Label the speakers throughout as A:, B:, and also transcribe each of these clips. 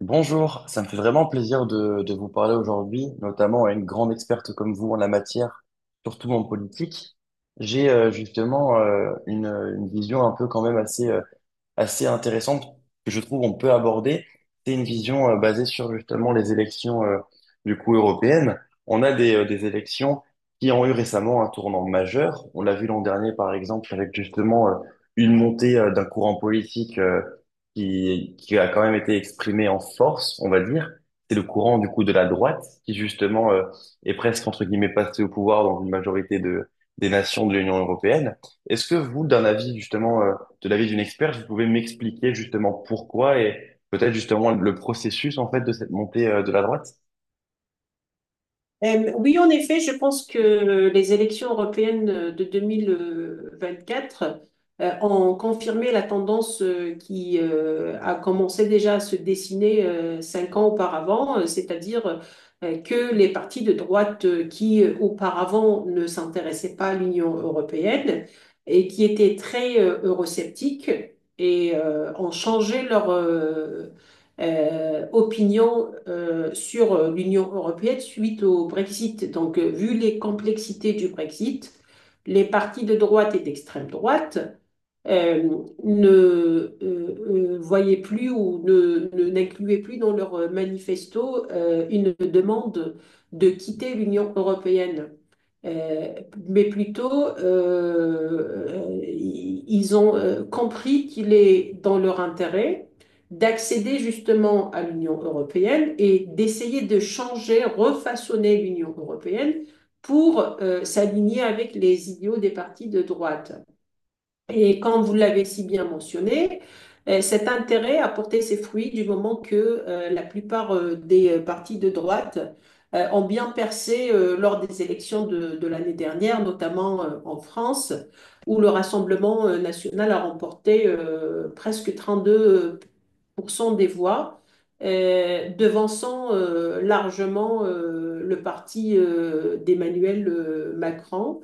A: Bonjour, ça me fait vraiment plaisir de vous parler aujourd'hui, notamment à une grande experte comme vous en la matière, surtout en politique. J'ai justement une vision un peu quand même assez assez intéressante que je trouve on peut aborder. C'est une vision basée sur justement les élections du coup européennes. On a des élections qui ont eu récemment un tournant majeur. On l'a vu l'an dernier par exemple avec justement une montée d'un courant politique qui a quand même été exprimé en force, on va dire. C'est le courant du coup de la droite qui justement est presque entre guillemets passé au pouvoir dans une majorité des nations de l'Union européenne. Est-ce que vous, d'un avis justement de l'avis d'une experte, vous pouvez m'expliquer justement pourquoi et peut-être justement le processus en fait de cette montée de la droite.
B: Oui, en effet, je pense que les élections européennes de 2024 ont confirmé la tendance qui a commencé déjà à se dessiner cinq ans auparavant, c'est-à-dire que les partis de droite qui auparavant ne s'intéressaient pas à l'Union européenne et qui étaient très eurosceptiques et ont changé leur opinion sur l'Union européenne suite au Brexit. Donc, vu les complexités du Brexit, les partis de droite et d'extrême droite euh, ne voyaient plus ou n'incluaient plus dans leurs manifestos une demande de quitter l'Union européenne. Euh, mais plutôt, ils ont compris qu'il est dans leur intérêt d'accéder justement à l'Union européenne et d'essayer de changer, refaçonner l'Union européenne pour s'aligner avec les idéaux des partis de droite. Et comme vous l'avez si bien mentionné, cet intérêt a porté ses fruits du moment que la plupart des partis de droite ont bien percé lors des élections de l'année dernière, notamment en France, où le Rassemblement national a remporté presque 32% des voix, devançant largement le parti d'Emmanuel Macron.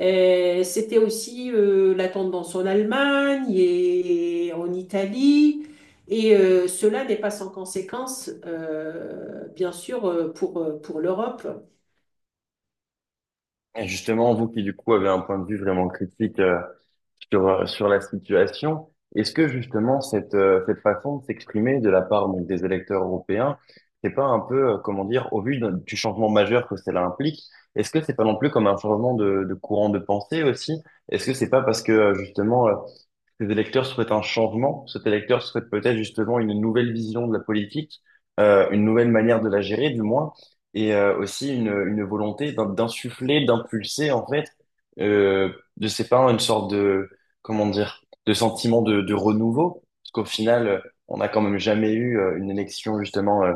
B: C'était aussi la tendance en Allemagne et en Italie. Et cela n'est pas sans conséquence, bien sûr, pour pour l'Europe.
A: Et justement, vous qui du coup avez un point de vue vraiment critique sur la situation, est-ce que justement cette façon de s'exprimer de la part donc des électeurs européens, c'est pas un peu comment dire au vu du changement majeur que cela implique, est-ce que c'est pas non plus comme un changement de courant de pensée aussi? Est-ce que c'est pas parce que justement ces électeurs souhaitent un changement. Cet électeur souhaite peut-être justement une nouvelle vision de la politique, une nouvelle manière de la gérer, du moins, et aussi une volonté d'insuffler, d'impulser, en fait, euh, de ses parents une sorte comment dire, de sentiment de renouveau. Parce qu'au final, on n'a quand même jamais eu une élection, justement,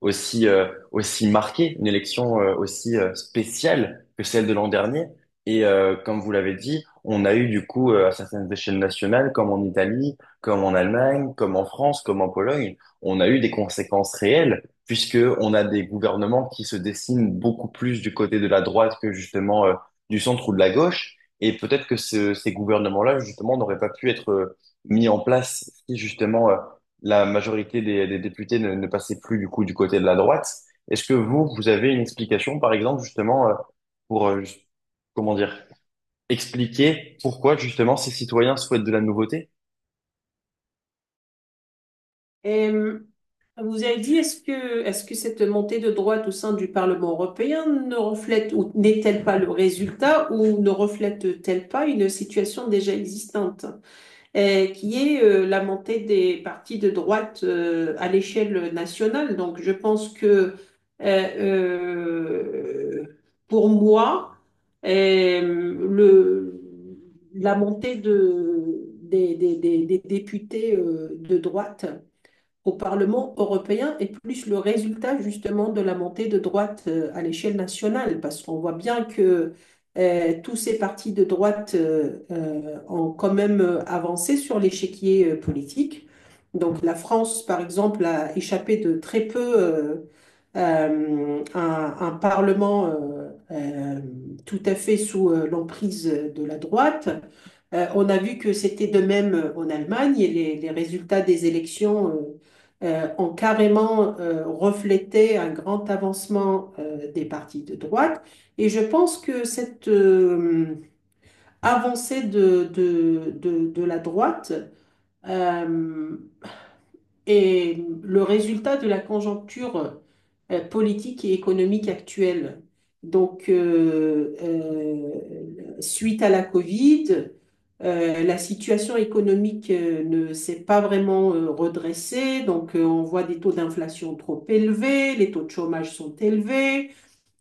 A: aussi, aussi marquée, une élection aussi spéciale que celle de l'an dernier. Et comme vous l'avez dit, on a eu du coup à certaines échelles nationales, comme en Italie, comme en Allemagne, comme en France, comme en Pologne, on a eu des conséquences réelles, puisque on a des gouvernements qui se dessinent beaucoup plus du côté de la droite que justement du centre ou de la gauche. Et peut-être que ces gouvernements-là, justement, n'auraient pas pu être mis en place si justement la majorité des députés ne passait plus du coup du côté de la droite. Est-ce que vous, vous avez une explication, par exemple, justement, pour, comment dire, expliquer pourquoi justement ces citoyens souhaitent de la nouveauté?
B: Et, euh, Vous avez dit, est-ce que cette montée de droite au sein du Parlement européen ne reflète ou n'est-elle pas le résultat ou ne reflète-t-elle pas une situation déjà existante? Qui est la montée des partis de droite à l'échelle nationale. Donc, je pense que euh, euh, pour moi, euh, le, la montée des des- députés de droite au Parlement européen est plus le résultat justement de la montée de droite à l'échelle nationale, parce qu'on voit bien que tous ces partis de droite ont quand même avancé sur l'échiquier politique. Donc la France, par exemple, a échappé de très peu à un parlement tout à fait sous l'emprise de la droite. On a vu que c'était de même en Allemagne et les résultats des élections ont carrément reflété un grand avancement des partis de droite. Et je pense que cette avancée de la droite euh, est le résultat de la conjoncture politique et économique actuelle. Donc, suite à la Covid, la situation économique ne s'est pas vraiment redressée. Donc, on voit des taux d'inflation trop élevés, les taux de chômage sont élevés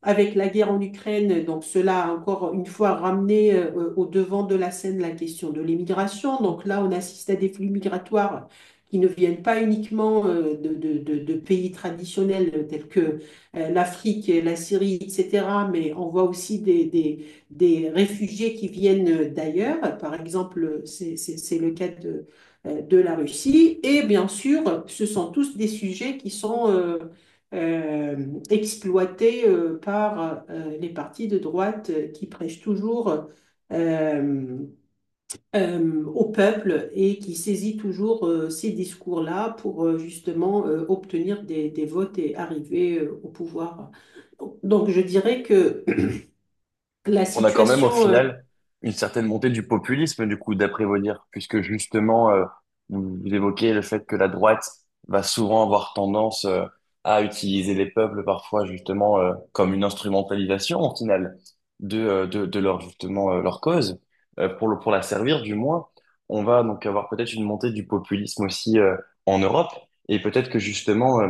B: avec la guerre en Ukraine, donc cela a encore une fois ramené au devant de la scène la question de l'immigration. Donc là, on assiste à des flux migratoires qui ne viennent pas uniquement de pays traditionnels tels que l'Afrique, la Syrie, etc., mais on voit aussi des réfugiés qui viennent d'ailleurs. Par exemple, c'est le cas de la Russie. Et bien sûr, ce sont tous des sujets qui sont... euh, exploité par les partis de droite qui prêchent toujours euh, au peuple et qui saisit toujours ces discours-là pour justement obtenir des votes et arriver au pouvoir. Donc je dirais que la
A: On a quand même au
B: situation... euh,
A: final une certaine montée du populisme, du coup, d'après vos dires, puisque justement, vous évoquez le fait que la droite va souvent avoir tendance à utiliser les peuples parfois justement comme une instrumentalisation au final de, de leur justement leur cause, pour le, pour la servir du moins. On va donc avoir peut-être une montée du populisme aussi en Europe, et peut-être que justement,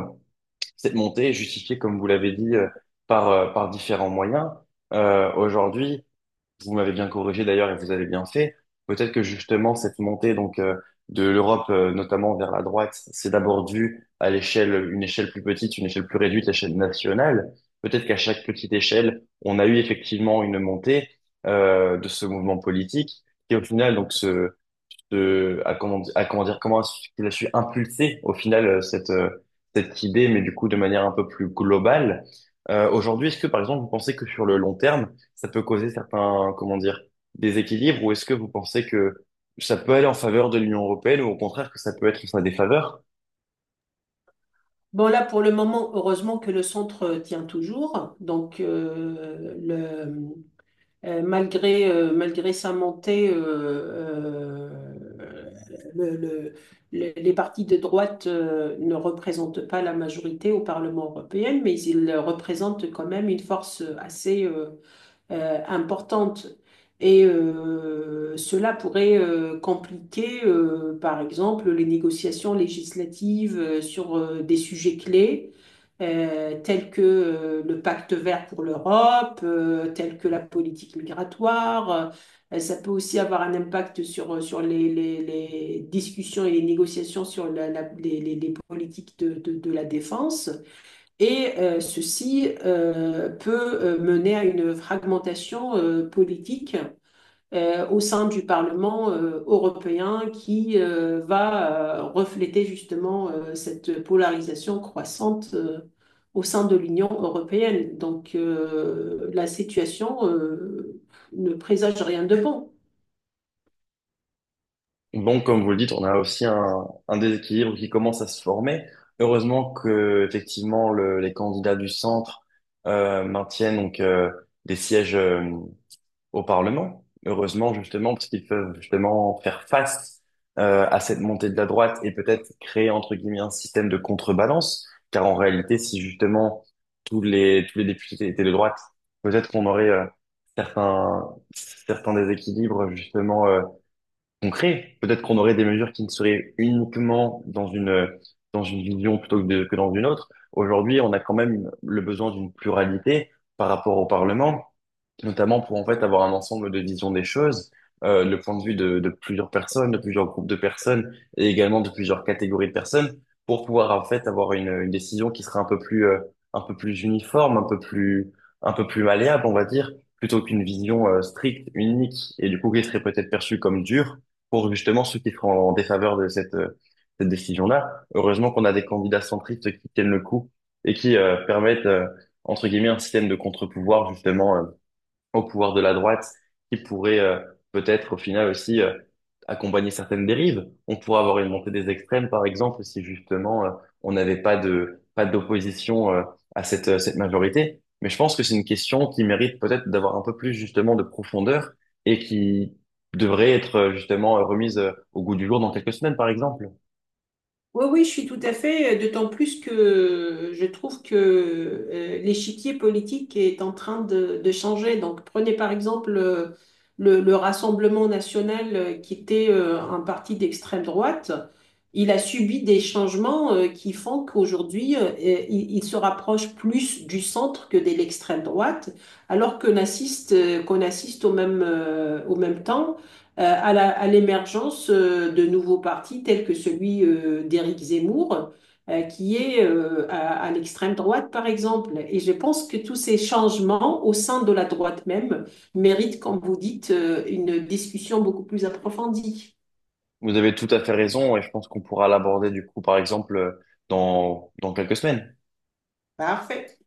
A: cette montée est justifiée, comme vous l'avez dit, par, par différents moyens. Aujourd'hui, vous m'avez bien corrigé d'ailleurs et vous avez bien fait. Peut-être que justement cette montée donc de l'Europe notamment vers la droite, c'est d'abord dû à l'échelle, une échelle plus petite, une échelle plus réduite, l'échelle nationale. Peut-être qu'à chaque petite échelle, on a eu effectivement une montée de ce mouvement politique qui au final donc à à comment dire, comment est-ce qu'il a su impulser au final cette idée, mais du coup de manière un peu plus globale. Aujourd'hui, est-ce que par exemple vous pensez que sur le long terme ça peut causer certains, comment dire, déséquilibres, ou est-ce que vous pensez que ça peut aller en faveur de l'Union européenne, ou au contraire que ça peut être en sa défaveur?
B: Bon, là, pour le moment, heureusement que le centre tient toujours. Donc, malgré sa montée, euh, le- le- les partis de droite ne représentent pas la majorité au Parlement européen, mais ils représentent quand même une force assez, importante. Et cela pourrait compliquer, par exemple, les négociations législatives sur des sujets clés, tels que le pacte vert pour l'Europe, tels que la politique migratoire. Ça peut aussi avoir un impact sur les discussions et les négociations sur les politiques de la défense. Et ceci peut mener à une fragmentation politique au sein du Parlement européen qui va refléter justement cette polarisation croissante au sein de l'Union européenne. Donc la situation ne présage rien de bon.
A: Donc, comme vous le dites, on a aussi un déséquilibre qui commence à se former. Heureusement que, effectivement, les candidats du centre maintiennent donc des sièges au Parlement. Heureusement, justement, parce qu'ils peuvent justement faire face à cette montée de la droite et peut-être créer, entre guillemets, un système de contrebalance. Car en réalité, si justement tous les députés étaient de droite, peut-être qu'on aurait certains, certains déséquilibres, justement, concrets. Peut-être qu'on aurait des mesures qui ne seraient uniquement dans une vision plutôt que, que dans une autre. Aujourd'hui, on a quand même le besoin d'une pluralité par rapport au Parlement notamment pour en fait avoir un ensemble de visions des choses, le point de vue de plusieurs personnes, de plusieurs groupes de personnes et également de plusieurs catégories de personnes pour pouvoir en fait avoir une décision qui sera un peu plus uniforme, un peu plus malléable, on va dire, plutôt qu'une vision stricte, unique et du coup qui serait peut-être perçue comme dure pour justement ceux qui seront en défaveur de cette décision-là. Heureusement qu'on a des candidats centristes qui tiennent le coup et qui permettent entre guillemets un système de contre-pouvoir justement au pouvoir de la droite qui pourrait peut-être au final aussi accompagner certaines dérives. On pourrait avoir une montée des extrêmes, par exemple, si justement on n'avait pas de pas d'opposition à cette majorité. Mais je pense que c'est une question qui mérite peut-être d'avoir un peu plus justement de profondeur et qui devrait être justement remise au goût du jour dans quelques semaines, par exemple.
B: Oui, oui, je suis tout à fait, d'autant plus que je trouve que l'échiquier politique est en train de changer. Donc, prenez par exemple le Rassemblement national qui était un parti d'extrême droite. Il a subi des changements qui font qu'aujourd'hui, il se rapproche plus du centre que de l'extrême droite, alors qu'on assiste au au même temps à à l'émergence de nouveaux partis tels que celui d'Éric Zemmour, qui est à l'extrême droite, par exemple. Et je pense que tous ces changements au sein de la droite même méritent, comme vous dites, une discussion beaucoup plus approfondie.
A: Vous avez tout à fait raison et je pense qu'on pourra l'aborder du coup, par exemple, dans quelques semaines.
B: Parfait.